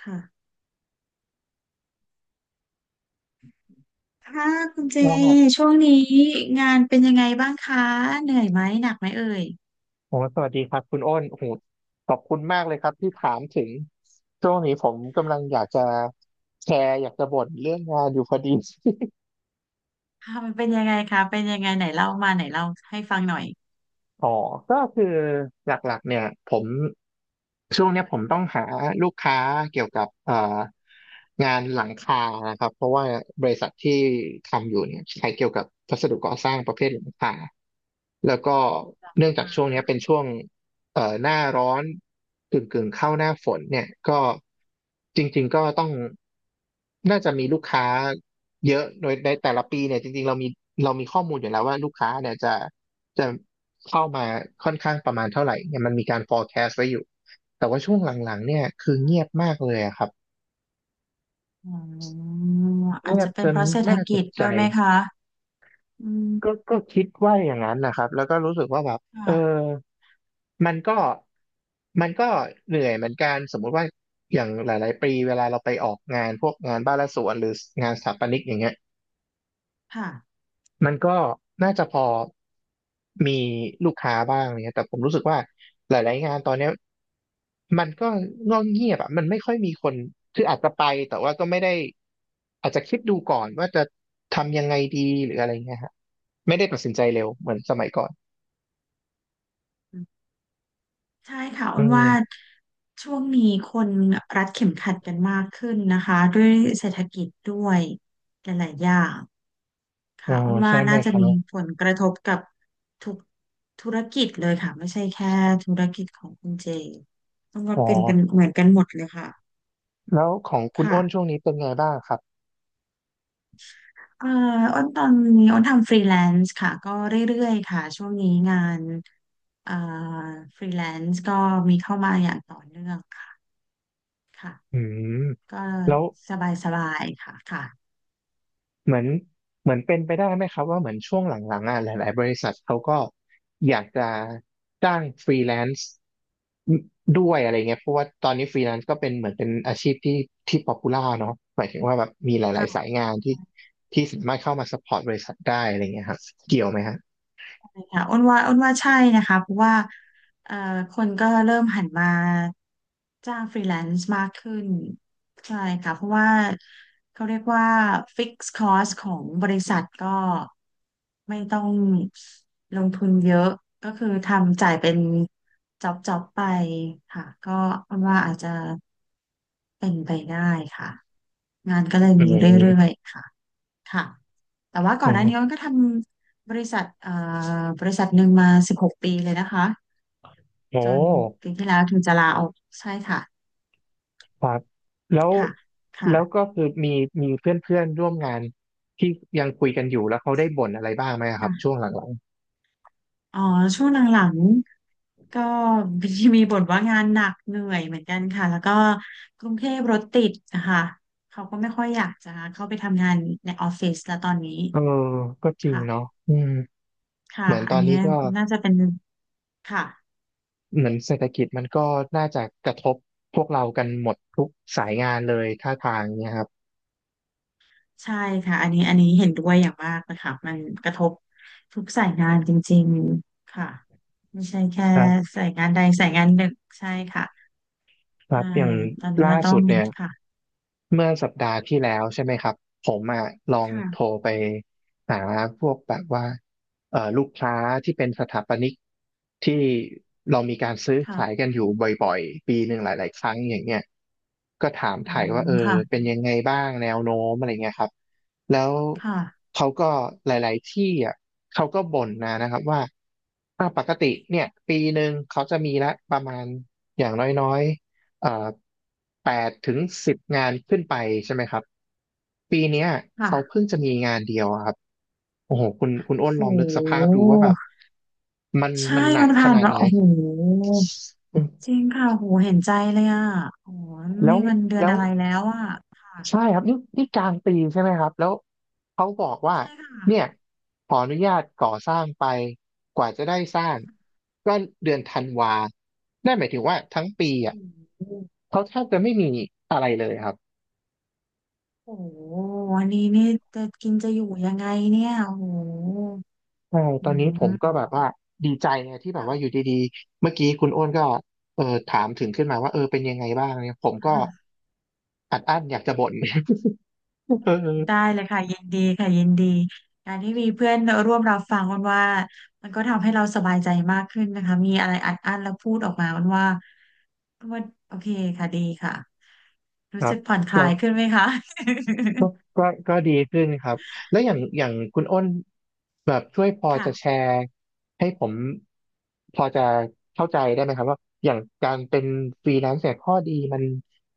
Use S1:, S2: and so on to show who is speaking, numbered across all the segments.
S1: ค่ะค่ะคุณเจ
S2: ก็
S1: ช่วงนี้งานเป็นยังไงบ้างคะเหนื่อยไหมหนักไหมเอ่ย
S2: โอ้สวัสดีครับคุณอ้นโอ้โหขอบคุณมากเลยครับที่ถามถึงช่วงนี้ผมกำลังอยากจะแชร์อยากจะบ่นเรื่องงานอยู่พอดี
S1: ค่ะมันเป็นยังไงคะเป็นยังไงไหนเล่ามาไหนเล่าให้ฟังหน่อย
S2: อ๋อก็คือหลักๆเนี่ยผมช่วงเนี้ยผมต้องหาลูกค้าเกี่ยวกับงานหลังคานะครับเพราะว่าบริษัทที่ทำอยู่เนี่ยใช้เกี่ยวกับวัสดุก่อสร้างประเภทหลังคาแล้วก็เนื่องจากช่วงเนี้ยเป็นช่วงหน้าร้อนกึ่งเข้าหน้าฝนเนี่ยก็จริงๆก็ต้องน่าจะมีลูกค้าเยอะโดยในแต่ละปีเนี่ยจริงๆเรามีข้อมูลอยู่แล้วว่าลูกค้าเนี่ยจะจะ เข้ามาค่อนข้างประมาณเท่าไหร่เนี่ยมันมีการ forecast ไว้อยู่แต่ว่าช่วงหลังๆเนี่ยคือเงียบมากเลยอะครับ
S1: อ๋ออา
S2: เงี
S1: จ
S2: ย
S1: จะ
S2: บ
S1: เป็
S2: จ
S1: นเพ
S2: น
S1: ราะเศรษฐ
S2: น่าต
S1: กิ
S2: ก
S1: จ
S2: ใจ
S1: ด้วยไหมคะอื
S2: ก็
S1: ม
S2: ก็คิดว่าอย่างนั้นนะครับแล้วก็รู้สึกว่าแบบเออ
S1: ค่ะ
S2: มันก็มันก็เหนื่อยเหมือนกันสมมุติว่าอย่างหลายๆปีเวลาเราไปออกงานพวกงานบ้านและสวนหรืองานสถาปนิกอย่างเงี้ย
S1: ค่ะ
S2: มันก็น่าจะพอมีลูกค้าบ้างเนี่ยแต่ผมรู้สึกว่าหลายๆงานตอนเนี้ย มันก็เงียบเงียบอ่ะมันไม่ค่อยมีคนคืออาจจะไปแต่ว่าก็ไม่ได้อาจจะคิดดูก่อนว่าจะทำยังไงดีหรืออะไรเงี้ยฮะไม่ได้ตัดสินใจเร็วเหมือนสมัยก่อน
S1: ใช่ค่ะอ้
S2: อื
S1: น
S2: ม
S1: ว่าช่วงนี้คนรัดเข็มขัดกันมากขึ้นนะคะด้วยเศรษฐกิจด้วยหลายๆอย่าง
S2: อ๋อ
S1: ค่ะอ้นว่า
S2: ใช่ไหม
S1: น่า
S2: ค
S1: จะ
S2: รั
S1: มี
S2: บ
S1: ผลกระทบกับทุกธุรกิจเลยค่ะไม่ใช่แค่ธุรกิจของคุณเจต้องว่า
S2: อ๋อ
S1: เป็นกันเหมือนกันหมดเลยค่ะ
S2: แล้วของคุณอ้นช่
S1: ค่ะ
S2: วงนี้เป็นไงบ้างครับ
S1: เอ่ออ้นตอนนี้อ้นทำฟรีแลนซ์ค่ะก็เรื่อยๆค่ะช่วงนี้งานเอ่อฟรีแลนซ์ก็มีเข้ามาอย่างต่อเนื่องค่ะค่ะ
S2: อืม
S1: ก็
S2: แล้ว
S1: สบายๆค่ะค
S2: เหมือนเหมือนเป็นไปได้ไหมครับว่าเหมือนช่วงหลังๆอ่ะหลายๆบริษัทเขาก็อยากจะจ้างฟรีแลนซ์ด้วยอะไรเงี้ยเพราะว่าตอนนี้ฟรีแลนซ์ก็เป็นเหมือนเป็นอาชีพที่ป๊อปปูล่าเนาะหมายถึงว่าแบบมีหลายๆสาย
S1: ่ะ
S2: งานที่สามารถเข้ามาซัพพอร์ตบริษัทได้อะไรเงี้ยครับเกี่ยวไหมฮะ
S1: ค่ะอ้นว่าใช่นะคะเพราะว่าเอ่อคนก็เริ่มหันมาจ้างฟรีแลนซ์มากขึ้นใช่ค่ะเพราะว่าเขาเรียกว่าฟิกซ์คอสของบริษัทก็ไม่ต้องลงทุนเยอะก็คือทำจ่ายเป็นจ็อบจ็อบไปค่ะก็อ้นว่าอาจจะเป็นไปได้ค่ะงานก็เลย
S2: อื
S1: มีเรื่อย
S2: ม
S1: ๆค่ะ ค่ะแต่ว่าก่
S2: อ๋
S1: อนหน้านี้มั
S2: อ
S1: นก็ทำบริษัทบริษัทหนึ่งมา16 ปีเลยนะคะ
S2: โอ้
S1: จ
S2: โห
S1: นปีที่แล้วถึงจะลาออกใช่ค่ะ
S2: ครับแล้ว
S1: ค่ะ
S2: แล้ว
S1: ค่ะ
S2: ก็คือมีเพื่อนเพื่อนร่วมงานที่ยังคุยกันอยู่แล้วเขาได้บ่นอะไรบ้างไหมครับช่
S1: ค่ะ
S2: วงหลังๆ
S1: อ๋อช่วงหลังๆก็มีมีบ่นว่างานหนักเหนื่อยเหมือนกันค่ะ แล้วก็กรุงเทพรถติดนะคะเขาก็ไม่ค่อยอยากจะเข้าไปทำงานในออฟฟิศแล้วตอนนี้
S2: เออก็จริง
S1: ค่ะ
S2: เนาะอืม
S1: ค่ะ
S2: เหมือน
S1: อั
S2: ตอ
S1: น
S2: น
S1: นี้
S2: นี้ก็
S1: น่าจะเป็นค่ะ
S2: เหมือนเศรษฐกิจมันก็น่าจะกระทบพวกเรากันหมดทุกสายงานเลยท่าทางเนี่ยครับ
S1: ใช่ค่ะอันนี้อันนี้เห็นด้วยอย่างมากนะคะมันกระทบทุกสายงานจริงๆค่ะไม่ใช่แค่
S2: ครับ
S1: สายงานใดสายงานหนึ่งใช่ค่ะ
S2: ครั
S1: ใช่
S2: บอย่าง
S1: ตอนนี้
S2: ล่า
S1: เราต้อ
S2: สุ
S1: ง
S2: ดเนี่ย
S1: ค่ะ
S2: เมื่อสัปดาห์ที่แล้วใช่ไหมครับผมอ่ะลองโทร
S1: ค่ะ
S2: ไปหาพวกแบบว่าลูกค้าที่เป็นสถาปนิกที่เรามีการซื้อขาย
S1: ค่ะ
S2: กันอยู่บ่อยๆปีหนึ่งหลายๆครั้งอย่างเงี้ยก็ถาม
S1: อื
S2: ถ่าย
S1: ม
S2: ว่าเออ
S1: ค่ะ
S2: เป็นยังไงบ้างแนวโน้มอะไรเงี้ยครับแล้ว
S1: ค่ะ
S2: เขาก็หลายๆที่อ่ะเขาก็บ่นนะครับว่าอ่ะปกติเนี่ยปีหนึ่งเขาจะมีละประมาณอย่างน้อยๆ เอ่อ8-10งานขึ้นไปใช่ไหมครับปีเนี้ยเขาเพิ่
S1: ค่ะ
S2: งจะมีงานเดียวอะครับโอ้โหคุณอ้น
S1: โ
S2: ลองนึกสภาพ
S1: ห
S2: ดูว่าแบบมัน
S1: ใช่
S2: มันหนั
S1: มั
S2: ก
S1: น
S2: ข
S1: ผ่าน
S2: นาด
S1: มา
S2: ไหน
S1: โอ้โห
S2: อืม
S1: จริงค่ะโหเห็นใจเลยอ่ะโอ้โห
S2: แล้ว
S1: นี่มันเดือน
S2: แล้ว
S1: อะไรแล้วอ่ะ
S2: ใช่
S1: ค่ะ
S2: ครับนี่นี่กลางปีใช่ไหมครับแล้วเขาบอกว่า
S1: ใช่ค่ะ
S2: เนี่ยขออนุญาตก่อสร้างไปกว่าจะได้สร้างก็เดือนธันวานั่นหมายถึงว่าทั้งปีอ่ะ
S1: โอ้โห
S2: เขาแทบจะไม่มีอะไรเลยครับ
S1: โอ้โหวันนี้นี่จะกินจะอยู่ยังไงเนี่ยโอ้โห
S2: ใช่ต
S1: อื
S2: อนนี้ผมก็
S1: ม
S2: แบบว่าดีใจไงที่แบบว่าอยู่
S1: ค่ะ
S2: ดีๆเมื่อกี้คุณอ้วนก็เออถามถึงขึ้นมาว่าเออเป็นยังไงบ้างเนี่ยผมก็
S1: อ
S2: อัดอั้นอยากจะบ่น เออ
S1: ได้เลยค่ะยินดีค่ะยินดี การที่มีเพื่อนร่วมรับฟังอ้นว่า มันก็ทำให้เราสบายใจมากขึ้นนะคะ มีอะไรอัดอั้นแล้วพูดออกมาอ้นว่าโอเคค่ะดีค่ะ
S2: ค
S1: รู้
S2: รั
S1: สึก
S2: บ
S1: ผ่อนคลายขึ้นไหมคะ
S2: ก็ก็ดีขึ้นครับแล้วอย่างคุณอ้นแบบช่วยพอ
S1: ค่ะ
S2: จะแชร์ให้ผมพอจะเข้าใจได้ไหมครับว่าอย่างการเป็นฟรีแลนซ์เนี่ยข้อดีมัน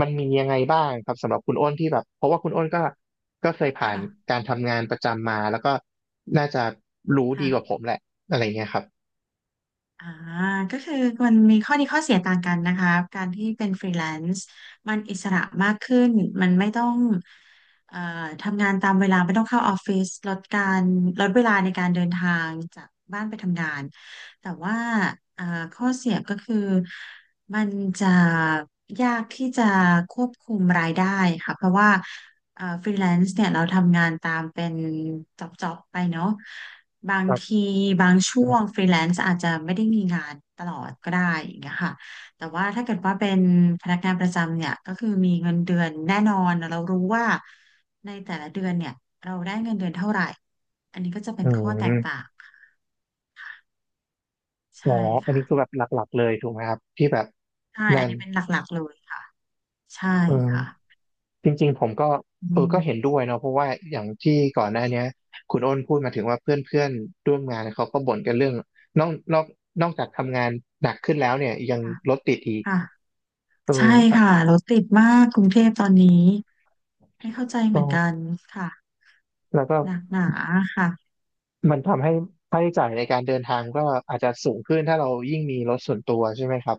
S2: มันมียังไงบ้างครับสำหรับคุณอ้นที่แบบเพราะว่าคุณอ้นก็เคยผ่า
S1: ค่ะ
S2: นการทำงานประจำมาแล้วก็น่าจะรู้ดีกว่า
S1: ค่ะ
S2: ผมแหละอะไรเงี้ยครับ
S1: อ่าก็คือมันมีข้อดีข้อเสียต่างกันนะคะการที่เป็นฟรีแลนซ์มันอิสระมากขึ้นมันไม่ต้องเอ่อทำงานตามเวลาไม่ต้องเข้าออฟฟิศลดการลดเวลาในการเดินทางจากบ้านไปทำงานแต่ว่าเอ่อข้อเสียก็คือมันจะยากที่จะควบคุมรายได้ค่ะเพราะว่า ฟรีแลนซ์เนี่ยเราทำงานตามเป็นจ็อบจ็อบไปเนาะบาง
S2: ครั
S1: ที
S2: บ
S1: บางช่วงฟรีแลนซ์อาจจะไม่ได้มีงานตลอดก็ได้อย่างเงี้ยค่ะแต่ว่าถ้าเกิดว่าเป็นพนักงานประจำเนี่ยก็คือมีเงินเดือนแน่นอนเรารู้ว่าในแต่ละเดือนเนี่ยเราได้เงินเดือนเท่าไหร่อันนี้ก็จะเป็
S2: อื
S1: นข้อแตกต่า
S2: ม
S1: ง
S2: อ๋อ
S1: ใช่
S2: อัน
S1: ค่ะ
S2: นี้คือแบบหลักๆเลยถูกไหมครับที่แบบ
S1: ใช่
S2: นั่
S1: อัน
S2: น
S1: นี้เป็นหลักๆเลยค่ะใช่
S2: อืม
S1: ค่ะ
S2: จริงๆผมก็
S1: อื
S2: เออก็เห็นด้
S1: ม
S2: วยเนาะเพราะว่าอย่างที่ก่อนหน้าเนี้ยคุณอ้นพูดมาถึงว่าเพื่อนๆร่วมงานเขาก็บ่นกันเรื่องนอกนอกนอกจากทำงานหนักขึ้นแล้วเนี่ยยัง
S1: ค่ะ
S2: รถติดอีก
S1: ค่ะ
S2: เออ
S1: ใช่
S2: อ่ะ
S1: ค่ะรถติดมากกรุงเทพตอนนี้ ไม่เข้าใจเห
S2: ก็
S1: มือนกันค่ะ
S2: แล้วก็
S1: หนักหนาค่ะ
S2: มันทำให้ค่าใช้จ่ายในการเดินทางก็อาจจะสูงขึ้นถ้าเรายิ่งมีรถส่วนตัวใช่ไหมครับ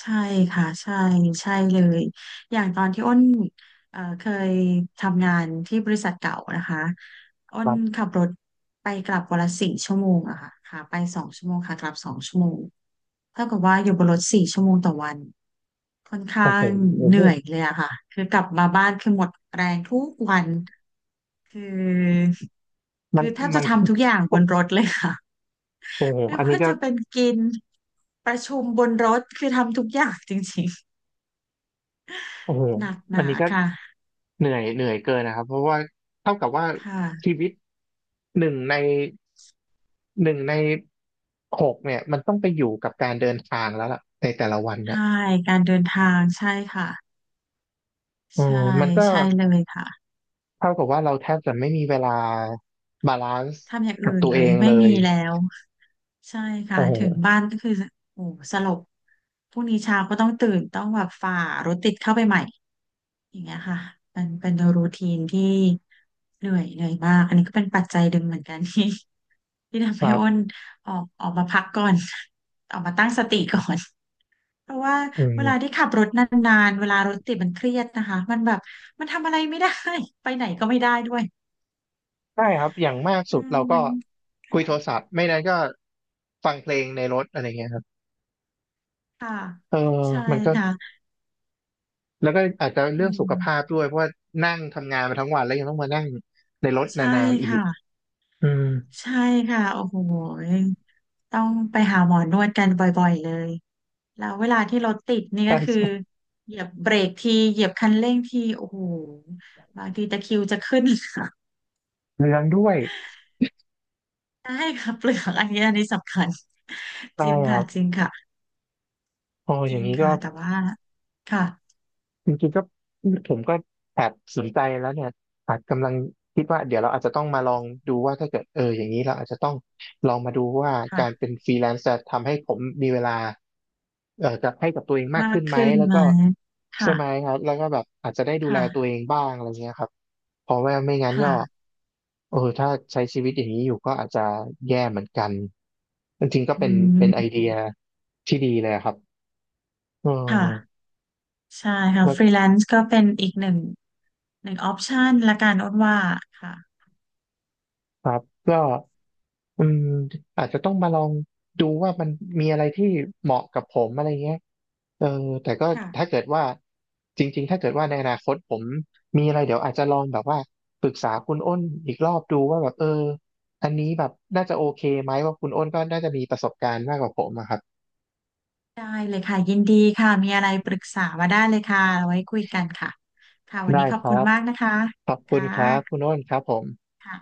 S1: ใช่ค่ะใช่ใช่เลยอย่างตอนที่อ้นเคยทำงานที่บริษัทเก่านะคะอ้
S2: ค
S1: น
S2: รับ
S1: ขับรถไปกลับวันละสี่ชั่วโมงอะค่ะขาไปสองชั่วโมงขากลับสองชั่วโมงเท่ากับว่าอยู่บนรถสี่ชั่วโมงต่อวันค่อนข้า
S2: โอ้โห
S1: ง
S2: โอ้
S1: เห
S2: โห
S1: นื่อยเลยอะค่ะคือกลับมาบ้านคือหมดแรงทุกวันคือ
S2: มั
S1: คื
S2: น
S1: อแทบ
S2: มั
S1: จะ
S2: น
S1: ทำทุกอย่างบนรถเลยค่ะ
S2: โอ้โห
S1: ไม่
S2: อันนี้
S1: ว่า
S2: ก็
S1: จะเป็นกินประชุมบนรถคือทำทุกอย่างจริง
S2: โอ้
S1: ๆ
S2: โห
S1: หนักห
S2: อัน
S1: นา
S2: นี้ก็
S1: ค่ะ
S2: เหนื่อยเกินนะครับเพราะว่าเท่ากับว่า
S1: ค่ะ
S2: ชีวิตหนึ่งใน หนึ่งในหกเนี่ยมันต้องไปอยู่กับการเดินทางแล้วล่ะในแต่ละวันน่ะ
S1: ใช่การเดินทางใช่ค่ะ
S2: เออ
S1: ใช่
S2: มันก็
S1: ใช่เลยค่ะ
S2: เท่ากับว่าเราแทบจะไม่มีเวลาบาลานซ์
S1: ทำอย่าง
S2: กั
S1: อื่
S2: บ
S1: น
S2: ตัว
S1: เล
S2: เอ
S1: ย
S2: ง
S1: ไม่
S2: เล
S1: มี
S2: ย
S1: แล้วใช่ค่ะ
S2: โอ้โห
S1: ถึงบ้านก็คือโอ้โหสลบพรุ่งนี้เช้าก็ต้องตื่นต้องแบบฝ่ารถติดเข้าไปใหม่ อย่างเงี้ยค่ะเป็นรูทีนที่เหนื่อยเหนื่อยมาก อันนี้ก็เป็นปัจจัยดึงเหมือนกัน ที่ที่ทำ
S2: ค
S1: ให้
S2: รั
S1: อ้น
S2: บ
S1: ออกมาพักก่อน ออกมาตั้งสติก่อนเพราะว่า
S2: อื
S1: เวลาที่
S2: ม
S1: ขับรถนานๆเวลารถติดมันเครียดนะคะมันแบบมันทำอะไรไม่ได้ ไปไหนก็ไม่ได้ด้วย
S2: ใช่ครับอย่างมาก
S1: อื
S2: สุด
S1: ม
S2: เราก็
S1: มัน
S2: คุยโทรศัพท์ไม่นั้นก็ฟังเพลงในรถอะไรเงี้ยครับ
S1: ค่ะ
S2: เออ
S1: ใช่
S2: มันก็
S1: ค่ะ
S2: แล้วก็อาจจะ
S1: อื
S2: เรื่องสุขภาพ
S1: ม
S2: ด้วยเพราะว่านั่งทำงานมาทั้งวันแล้วยังต้องมานั่งใน
S1: อ๋อ
S2: รถน
S1: ใช่
S2: านๆอีก
S1: ค่ะ
S2: อืม
S1: ใช่ค่ะโอ้โหต้องไปหาหมอนวดกันบ่อยๆเลย แล้วเวลาที่รถติดนี่
S2: ใช่
S1: ก็คือ
S2: ใช่
S1: เหยียบเบรกทีเหยียบคันเร่งทีโอ้โหบางทีตะคริวจะขึ้น ค่ะ
S2: เรื่องด้วย
S1: ได้ค่ะเปลือกอันนี้อันนี้สำคัญ
S2: ใช่
S1: จริง
S2: ครั
S1: ค่ะ
S2: บ
S1: จริงค่ะ
S2: โอ้
S1: จ
S2: อ
S1: ริ
S2: ย่าง
S1: ง
S2: นี้ก็
S1: ค่ะแต่ว่าค่ะ
S2: จริงๆก็ผมก็แอบสนใจแล้วเนี่ยอาจกำลังคิดว่าเดี๋ยวเราอาจจะต้องมาลองดูว่าถ้าเกิดเอออย่างนี้เราอาจจะต้องลองมาดูว่าการ
S1: ค่ะ
S2: เป็นฟรีแลนซ์จะทำให้ผมมีเวลาจะให้กับตัวเองมาก
S1: มาก
S2: ขึ้นไหม
S1: ขึ้น
S2: แล้ว
S1: ไหม
S2: ก็ใช่
S1: ค่ะ
S2: ไหมครับแล้วก็แบบอาจจะได้ดูแล
S1: ค่ะ
S2: ตัวเองบ้างอะไรเงี้ยครับเพราะว่าไม่งั้นก็
S1: ค่ะ
S2: เออถ้าใช้ชีวิตอย่างนี้อยู่ก็อาจจะแย่เหมือนกันจริงๆก็
S1: อื
S2: เป็นไอเดี
S1: ม
S2: ยที่ดีเลยอะครับเออ
S1: ค่ะใช่ค่ะ
S2: แล้ว
S1: ฟรีแลนซ์ก็เป็นอีกหนึ่งออปชันละกันอ้นว่าค่ะ
S2: ครับก็อืมอาจจะต้องมาลองดูว่ามันมีอะไรที่เหมาะกับผมอะไรเงี้ยเออแต่ก็ถ้า
S1: ค่ะ
S2: เกิดว่าจริงๆถ้าเกิดว่าในอนาคตผมมีอะไรเดี๋ยวอาจจะลองแบบว่าปรึกษาคุณอ้นอีกรอบดูว่าแบบเอออันนี้แบบน่าจะโอเคไหมว่าคุณอ้นก็น่าจะมีประสบการณ์มากกว่าผมอะครับ
S1: ได้เลยค่ะยินดีค่ะมีอะไรปรึกษามาได้เลยค่ะเอาไว้คุยกันค่ะค่ะวัน
S2: ได้
S1: นี้ขอ
S2: ค
S1: บคุณ
S2: รับ
S1: มากนะคะ
S2: ขอบคุณครับคุ
S1: ค
S2: ณอ้นครับผม
S1: ่ะ